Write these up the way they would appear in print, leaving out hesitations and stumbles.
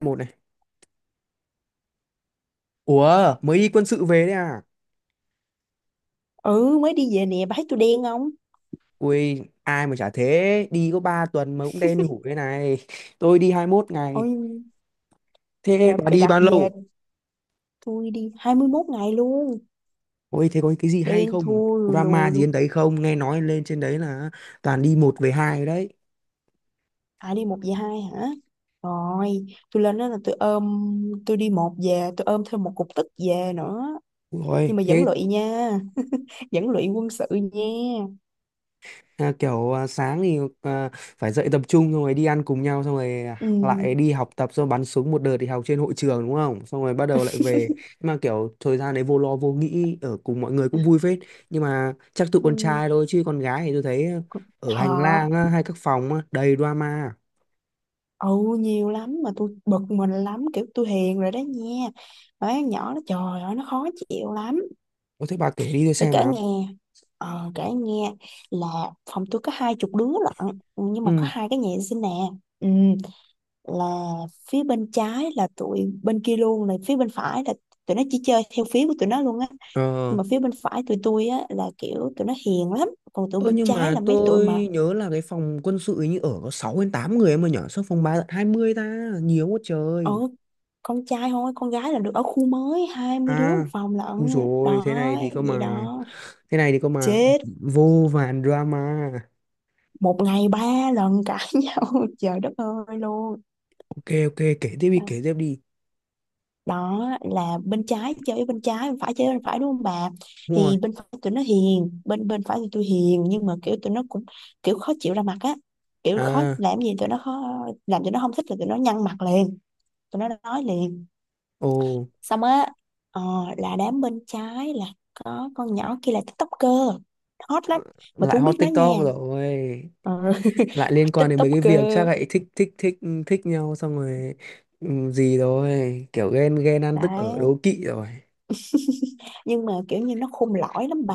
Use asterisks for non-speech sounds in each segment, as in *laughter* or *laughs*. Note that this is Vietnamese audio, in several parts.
Một này. Ủa mới đi quân sự về đấy à? Ừ, mới đi về nè, bà thấy tôi đen không? Ui ai mà chả thế, đi có 3 tuần mà cũng đen như hủ thế này. Tôi đi 21 ngày. Ôi Thế trời, bà bà đi đặt bao lâu? về. Tôi đi 21 ngày luôn, Ôi thế có cái gì hay đen không, thui lùi drama lùi gì đến luôn. đấy không, nghe nói lên trên đấy là toàn đi một về hai đấy. À, đi một về hai hả? Rồi tôi lên đó là tôi ôm, tôi đi một về tôi ôm thêm một cục tức về nữa. Ui ôi, Nhưng mà vẫn thế. lụy nha, vẫn lụy quân sự nha. Sáng thì phải dậy tập trung xong rồi đi ăn cùng nhau xong rồi ừ, lại đi học tập, xong bắn súng một đợt thì học trên hội trường đúng không, xong rồi bắt đầu lại về. Nhưng mà kiểu thời gian đấy vô lo vô nghĩ, ở cùng mọi người cũng vui phết, nhưng mà chắc tụi ừ. con trai thôi chứ con gái thì tôi thấy Còn ở hành thợ lang, hay các phòng, đầy drama. ừ, nhiều lắm mà tôi bực mình lắm, kiểu tôi hiền rồi đó nha. Mấy con nhỏ nó trời ơi nó khó chịu lắm. Có thế bà kể đi tôi Để xem kể nào. nghe. Kể nghe. Là phòng tôi có hai chục đứa lận, nhưng mà có Ừ. hai cái nhà vệ sinh nè. ừ, là phía bên trái là tụi bên kia luôn này, phía bên phải là tụi nó chỉ chơi theo phía của tụi nó luôn á. Ờ. Nhưng mà phía bên phải tụi tôi á là kiểu tụi nó hiền lắm, còn tụi Ơ bên nhưng trái mà là mấy tụi mà tôi nhớ là cái phòng quân sự ấy như ở có 6 đến 8 người em ơi nhở, sao phòng 3 tận 20 ta, nhiều quá ở trời. con trai thôi, con gái là được ở khu mới hai mươi đứa À, một phòng u lận rồi thế đó. này thì cơ Vậy mà đó, thế này thì cơ mà chết. vô vàn drama. Một ngày ba lần cãi *laughs* nhau, trời đất ơi luôn. Ok ok, kể tiếp đi kể tiếp đi. Đó là bên trái chơi với bên trái, bên phải chơi với bên phải đúng không bà. Đúng rồi. Thì bên phải tụi nó hiền, bên bên phải thì tôi hiền, nhưng mà kiểu tụi nó cũng kiểu khó chịu ra mặt á, kiểu khó, À. làm gì tụi nó khó, làm tụi nó không thích là tụi nó nhăn mặt liền, tụi nó nói liền. Ồ Xong á. ờ, là đám bên trái là có con nhỏ kia là tiktoker hot lắm, mà tôi lại không biết hot nó TikTok nha. rồi. ờ, Lại *laughs* liên quan đến mấy cái việc chắc Tiktoker. lại thích thích thích, thích nhau xong rồi ừ, gì rồi, kiểu ghen ghen ăn tức ở Đấy, đố kỵ rồi. nhưng mà kiểu như nó khôn lõi lắm bà.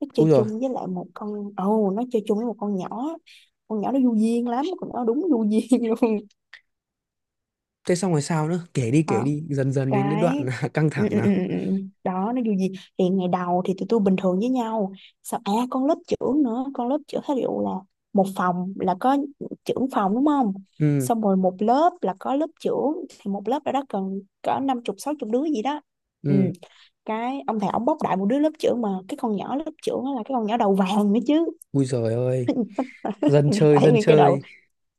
Nó chơi Ui rồi, chung với lại một con, ồ nó chơi chung với một con nhỏ, con nhỏ nó du duyên lắm, con nhỏ đúng du duyên *laughs* luôn. thế xong rồi sao nữa? Ờ, Kể đi, dần dần đến cái cái đoạn *laughs* căng ừ, thẳng ừ, nào. ừ, ừ, ừ. Đó nó du duyên, thì ngày đầu thì tụi tôi bình thường với nhau. Sao à con lớp trưởng nữa, con lớp trưởng thí dụ là một phòng là có trưởng phòng đúng không, Ừ. xong rồi một lớp là có lớp trưởng, thì một lớp đó, đó cần cỡ năm chục sáu chục đứa gì đó. Ừ, Ừ, cái ông thầy ổng bóc đại một đứa lớp trưởng, mà cái con nhỏ lớp trưởng đó là cái con nhỏ đầu vàng nữa chứ. ui giời ơi, dân *laughs* chơi Tại dân nguyên cái đầu chơi.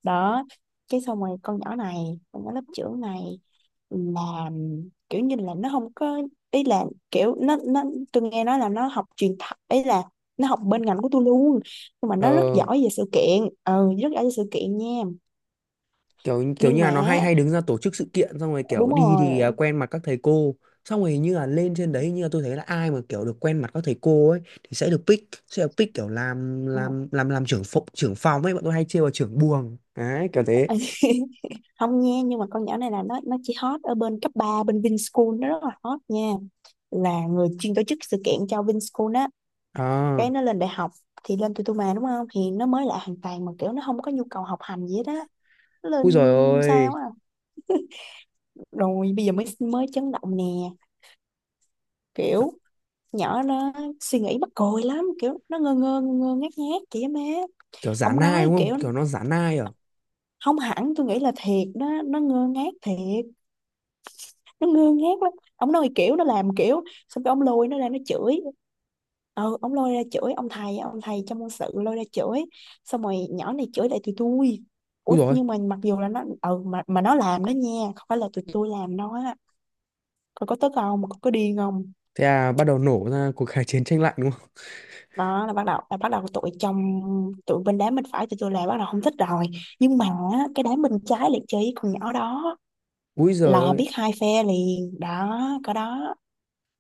đó. Cái xong rồi con nhỏ này, con nhỏ lớp trưởng này là kiểu như là nó không có ý là kiểu nó tôi nghe nói là nó học truyền thật ấy, là nó học bên ngành của tôi luôn, nhưng mà nó rất Ờ, giỏi về sự kiện, ừ rất giỏi về sự kiện nha. kiểu kiểu Nhưng như mà là nó hay hay đứng ra tổ chức sự kiện xong rồi đúng kiểu đi rồi. thì quen mặt các thầy cô, xong rồi như là lên trên đấy như là tôi thấy là ai mà kiểu được quen mặt các thầy cô ấy thì sẽ được pick, sẽ được pick kiểu làm trưởng phòng ấy, bọn tôi hay trêu là trưởng buồng đấy, kiểu thế. *laughs* Không nha, nhưng mà con nhỏ này là nó chỉ hot ở bên cấp 3 bên Vinschool, nó rất là hot nha, là người chuyên tổ chức sự kiện cho Vinschool á. Cái À. nó lên đại học thì lên Tutuma đúng không, thì nó mới lại hoàn toàn, mà kiểu nó không có nhu cầu học hành gì hết á. Nó lên Ui rồi ôi. sao á. Rồi bây giờ mới mới chấn động nè. Kiểu nhỏ nó suy nghĩ mắc cười lắm, kiểu nó ngơ ngác ngác chị á má. Kiểu giả Ông nai nói đúng không, kiểu kiểu nó giả nai à. không hẳn, tôi nghĩ là thiệt đó, nó ngơ ngác thiệt, nó ngơ ngác lắm. Ông nói kiểu nó làm kiểu xong cái ông lôi nó ra nó chửi. Ừ, ông lôi ra chửi, ông thầy trong môn sự lôi ra chửi, xong rồi nhỏ này chửi lại tụi tôi. Ui Ủa rồi. nhưng mà mặc dù là nó ừ mà nó làm đó nha, không phải là tụi tôi làm nó á. Còn có tức không mà có điên không. Thế à, bắt đầu nổ ra cuộc kháng chiến tranh lạnh đúng không. Đó là bắt đầu tụi trong, tụi bên đám bên phải tụi tôi là bắt đầu không thích rồi. Nhưng mà á, cái đám bên trái lại chơi với con nhỏ đó, Ui giời là ơi. biết hai phe liền đó, có đó.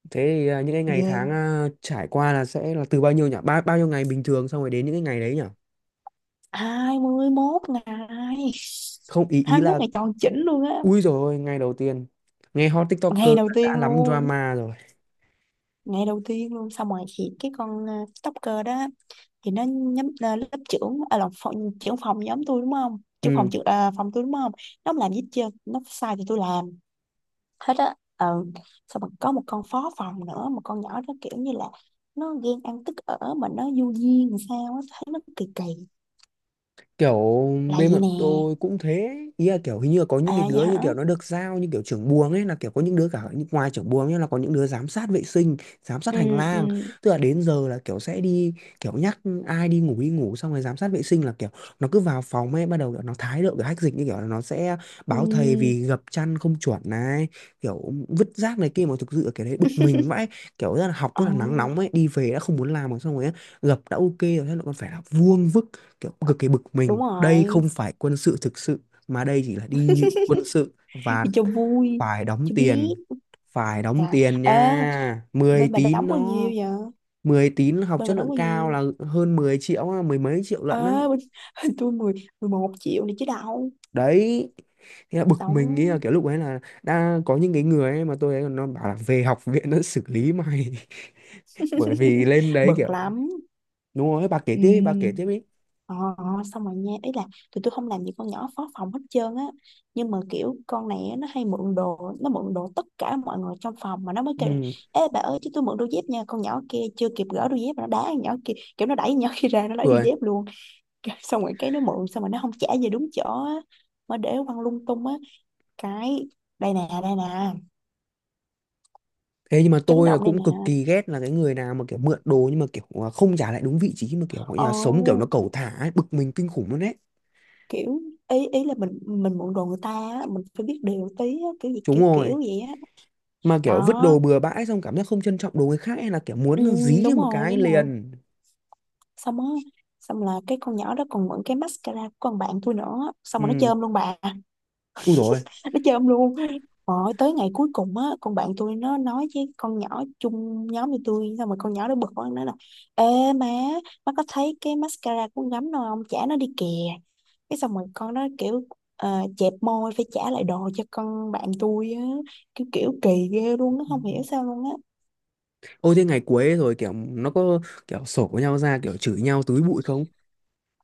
Thế những cái ngày Yeah, tháng, trải qua là sẽ là từ bao nhiêu nhỉ, ba bao nhiêu ngày bình thường xong rồi đến những cái ngày đấy nhỉ. 21 ngày, Không ý ý 21 là. ngày tròn chỉnh luôn á. Ui rồi ngay đầu tiên nghe hot TikToker Ngày đầu đã tiên lắm luôn, drama rồi. ngày đầu tiên luôn. Xong rồi thì cái con TikToker đó thì nó nhắm lớp trưởng là phòng, trưởng phòng nhóm tôi đúng không, trưởng Ừ. phòng, trưởng phòng tôi đúng không. Nó không làm gì hết trơn, nó sai thì tôi làm hết á. Ừ, xong rồi có một con phó phòng nữa, một con nhỏ đó kiểu như là nó ghen ăn tức ở mà nó vô duyên làm sao á, thấy nó kỳ kỳ. Kiểu Là bên vậy bọn nè. tôi cũng thế, ý là kiểu hình như là có những cái À vậy đứa hả? như kiểu nó được giao như kiểu trưởng buồng ấy, là kiểu có những đứa cả ngoài trưởng buồng nhá, là có những đứa giám sát vệ sinh, giám sát ừ hành ừ lang, tức là đến giờ là kiểu sẽ đi, kiểu nhắc ai đi ngủ đi ngủ, xong rồi giám sát vệ sinh là kiểu nó cứ vào phòng ấy bắt đầu kiểu nó thái độ kiểu hách dịch như kiểu là nó sẽ báo thầy ừ vì gập chăn không chuẩn này, kiểu vứt rác này kia, mà thực sự là cái đấy bực mình vãi, kiểu rất là học Ờ, rất là nắng nóng ấy, đi về đã không muốn làm rồi xong rồi gập đã ok rồi thế lại còn phải là vuông vức, kiểu cực kỳ bực Đúng mình, đây rồi. không phải quân sự thực sự mà đây chỉ là đi quân sự và Đi cho vui, phải đóng cho tiền, biết. phải đóng Dạ. tiền Ê, nha. Mười bên bà tín đóng bao nhiêu nó, vậy? 10 tín học Bên chất bà đóng lượng bao cao nhiêu? là hơn mười triệu á, mười mấy triệu lận á. Ờ, bên, *laughs* tôi 10 11 triệu này chứ đâu. Đấy, thế là bực mình nghĩ là Đóng kiểu lúc ấy là đã có những cái người ấy mà tôi ấy còn nó bảo là về học viện nó xử lý mày, *laughs* bởi vì *laughs* lên đấy kiểu. bực lắm. Đúng rồi bà kể Ừ. tiếp đi, bà kể tiếp đi. Ờ, ờ, Xong rồi nha. Ý là tụi tôi không làm gì con nhỏ phó phòng hết trơn á. Nhưng mà kiểu con này á, nó hay mượn đồ. Nó mượn đồ tất cả mọi người trong phòng. Mà nó mới kêu là: Ừ. Ê bà ơi chứ tôi mượn đôi dép nha. Con nhỏ kia chưa kịp gỡ đôi dép mà nó đá con nhỏ kia. Kiểu nó đẩy con nhỏ kia ra, nó lấy đôi Rồi. dép luôn. Xong rồi cái nó mượn xong rồi nó không trả về đúng chỗ á, mà để quăng lung tung á. Cái đây nè, Thế nhưng mà chấn tôi là động đây cũng nè. cực kỳ ghét là cái người nào mà kiểu mượn đồ nhưng mà kiểu không trả lại đúng vị trí, mà kiểu gọi là sống kiểu nó Ồ, cẩu thả ấy, bực mình kinh khủng luôn đấy. kiểu ý, ý là mình mượn đồ người ta á, mình phải biết điều tí á, kiểu gì Đúng kiểu rồi, kiểu vậy á. mà kiểu vứt Đó, đồ bừa bãi xong cảm giác không trân trọng đồ người khác, hay là kiểu ừ, muốn dí cho đúng một rồi cái đúng rồi liền. Xong á. Xong là cái con nhỏ đó còn mượn cái mascara của con bạn tôi nữa, xong rồi nó Ừ. chơm luôn bà, Ui rồi nó chơi ông luôn. Rồi tới ngày cuối cùng á, con bạn tôi nó nói với con nhỏ chung nhóm với tôi, xong rồi con nhỏ nó bực quá nó nói là: Ê má, má có thấy cái mascara của con gắm đâu không, trả nó đi kìa. Cái xong rồi con nó kiểu chẹp môi phải trả lại đồ cho con bạn tôi á. Kiểu kiểu kỳ ghê luôn, nó không hiểu sao luôn á. ôi. Thế ngày cuối rồi kiểu nó có kiểu sổ với nhau ra kiểu chửi nhau túi bụi không?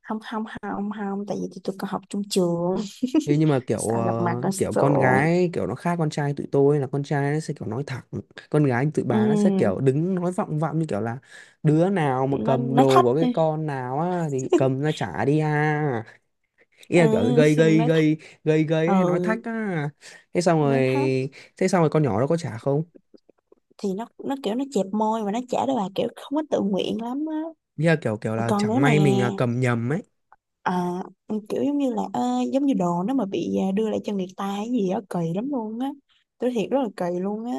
Không không không Không, tại vì tụi tôi còn học chung trường Thế *laughs* nhưng mà kiểu sao gặp mặt ờ, nó kiểu con sượng. gái kiểu nó khác con trai, tụi tôi là con trai nó sẽ kiểu nói thẳng, con gái tụi Ừ, bà nó sẽ kiểu đứng nói vọng vọng như kiểu là đứa nào mà nó cầm nó đồ thách của cái đi. con nào á thì cầm *laughs* ra trả đi à, ý Ừ, là kiểu gây gây nói thách. gây gây Ừ, gây hay nói thách á. thế xong rồi nó thách. thế xong rồi con nhỏ nó có trả không? Thì nó kiểu nó chẹp môi và nó trả lời bà kiểu không có tự nguyện lắm á. Ý là kiểu kiểu là Còn chẳng nữa nè. may mình cầm nhầm ấy. à, Kiểu giống như là giống như đồ nó mà bị đưa lại cho người ta hay gì á, kỳ lắm luôn á, tôi thiệt rất là kỳ luôn á.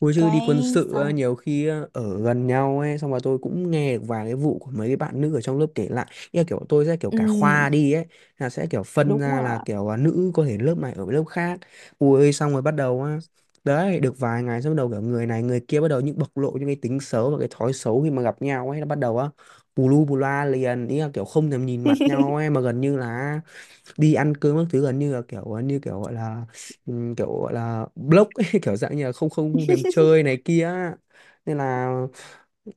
Ôi chứ đi Cái quân sự á, sao, nhiều khi á, ở gần nhau ấy xong rồi tôi cũng nghe được vài cái vụ của mấy cái bạn nữ ở trong lớp kể lại, như là kiểu tôi sẽ kiểu ừ, cả khoa đi ấy, là sẽ kiểu phân đúng ra rồi. là kiểu nữ có thể lớp này ở với lớp khác. Ui xong rồi bắt đầu á, đấy được vài ngày xong bắt đầu kiểu người này người kia bắt đầu những bộc lộ những cái tính xấu và cái thói xấu, khi mà gặp nhau ấy nó bắt đầu á, bù lu bù loa liền, ý là kiểu không thèm nhìn mặt nhau *laughs* ấy, mà gần như là đi ăn cơm các thứ gần như là kiểu như kiểu gọi là block ấy, *laughs* kiểu dạng như là không không không thèm chơi này kia á. Nên là,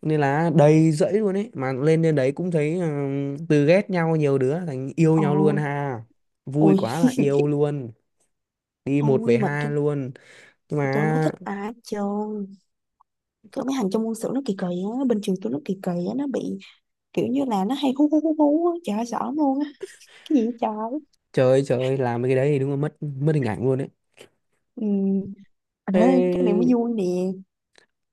nên là đầy rẫy luôn ấy, mà lên đến đấy cũng thấy từ ghét nhau nhiều đứa thành yêu Ờ, nhau luôn ha, vui Ôi quá là yêu luôn, đi không, một về nhưng mà hai tôi luôn. Nhưng tôi không có mà thích ai hết trơn. Có mấy thằng trong quân sự nó kỳ kỳ á. Bên trường tôi nó kỳ kỳ á. Nó bị kiểu như là nó hay hú hú hú hú á, trời ơi sợ lắm luôn á. Cái gì vậy trời. Trời ơi, làm cái đấy thì đúng là mất mất hình ảnh luôn đấy. Ừ. à, cái này Thế mới vui nè.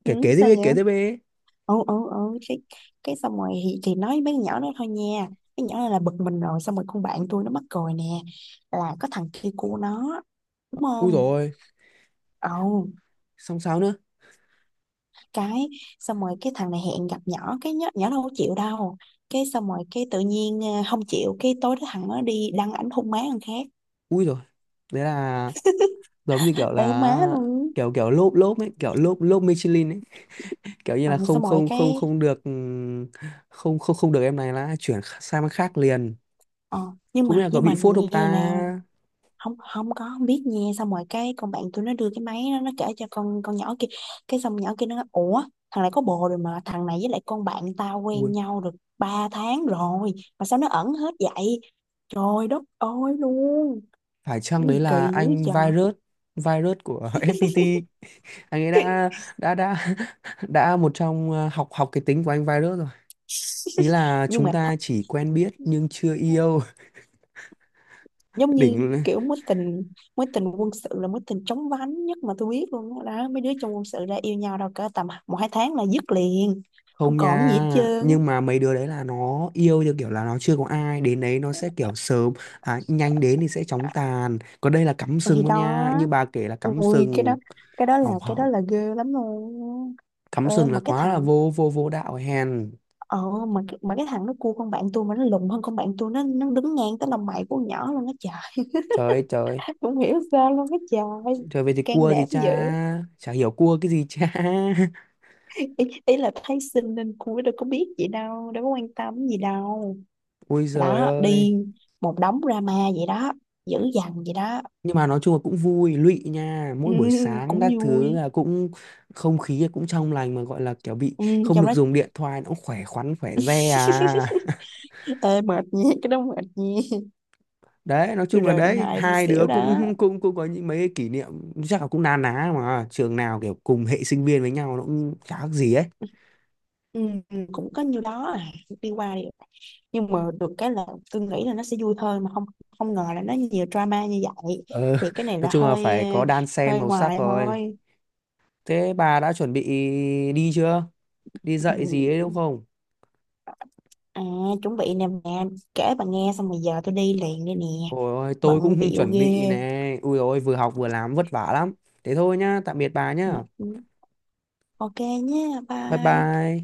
Ừ, kể kể tiếp sao đi vậy. kể tiếp đi. Ừ cái xong rồi thì nói với mấy con nhỏ đó thôi nha. Mấy nhỏ này là bực mình rồi, xong rồi con bạn tôi nó mắc cười nè, là có thằng kia của nó đúng Ui không. rồi, Ừ, xong sao nữa. cái xong rồi cái thằng này hẹn gặp nhỏ, cái nhỏ đâu có chịu đâu. Cái xong rồi cái tự nhiên không chịu, cái tối đó thằng nó đi đăng ảnh hôn má thằng khác. Ui rồi, đấy là giống như kiểu Ê má là luôn. kiểu kiểu lốp lốp ấy, kiểu lốp lốp Michelin ấy, kiểu như Ừ, là không xong rồi không không cái không được không không không được, em này là chuyển sang bên khác liền. ờ, nhưng Không biết mà là có bị phốt không như nè. ta. Không Không có, không biết nha. Xong rồi cái con bạn tôi nó đưa cái máy, nó kể cho con nhỏ kia. Cái xong nhỏ kia nó nói ủa, thằng này có bồ rồi, mà thằng này với lại con bạn tao quen Ui, nhau được 3 tháng rồi, mà sao nó ẩn hết vậy, trời đất ơi luôn. phải chăng Cái đấy gì là kỳ dữ anh trời. virus, virus của *laughs* FPT, anh ấy đã *laughs* một trong học học cái tính của anh virus rồi, ý là nhưng chúng mà th- ta chỉ quen biết nhưng chưa yêu. *laughs* Giống Đỉnh như luôn. kiểu mối tình, mối tình quân sự là mối tình chóng vánh nhất mà tôi biết luôn đó, đó mấy đứa trong quân sự ra yêu nhau đâu cỡ tầm một hai tháng là dứt liền, không Không còn gì nha, hết trơn. nhưng mà mấy đứa đấy là nó yêu theo kiểu là nó chưa có ai, đến đấy nó sẽ kiểu sớm nhanh, đến thì sẽ chóng tàn, còn đây là cắm sừng Thì luôn đó, nha, như bà kể là cắm ui cái sừng, đó, cái đó là hỏng cái đó hỏng, là ghê lắm luôn. cắm ờ, sừng là mà cái quá là thằng vô vô vô đạo hèn. ờ mà cái- mà cái thằng nó cua con bạn tôi mà nó lùn hơn con bạn tôi, nó đứng ngang tới lòng mày của con nhỏ luôn á trời. Trời ơi trời ơi, *laughs* Không hiểu sao luôn á trời. trời về thì Can cua gì đảm dữ. cha, chả hiểu cua cái gì cha. Ý là thấy xinh nên cua, đâu có biết gì đâu, đâu có quan tâm gì đâu. *laughs* Ôi giời Đó ơi. đi, một đống drama vậy đó, dữ dằn vậy đó. Nhưng mà nói chung là cũng vui lụy nha, *laughs* Ừ, mỗi buổi sáng cũng các thứ vui. là cũng không khí cũng trong lành, mà gọi là kiểu bị Ừ, không trong được đó. dùng điện thoại nó cũng khỏe khoắn khỏe re à. *laughs* Ê, mệt nha, cái đó mệt nha. Đấy nói Tôi chung là rời điện đấy thoại tôi hai đứa xỉu đó. cũng cũng cũng có những mấy cái kỷ niệm chắc là cũng na ná, mà trường nào kiểu cùng hệ sinh viên với nhau nó cũng chả khác gì ấy. ừ, Cũng có nhiêu đó à, đi qua đi lại. Nhưng mà được cái là tôi nghĩ là nó sẽ vui thôi mà không, không ngờ là nó nhiều drama như vậy. Ờ, Thì *laughs* cái này nói là chung là hơi phải có đan xen hơi màu sắc ngoài rồi. thôi. Thế bà đã chuẩn bị đi chưa, đi Ừ, dạy gì ấy ừ. đúng không? à Chuẩn bị nè mẹ, kể bà nghe xong rồi giờ tôi đi liền đây nè. Ôi ôi, Bận tôi cũng *laughs* bịu chuẩn ghê. bị này, ui ôi vừa học vừa làm vất vả lắm. Thế thôi nhá, tạm biệt bà nhá. Ừ, ok nhé, Bye bye bye.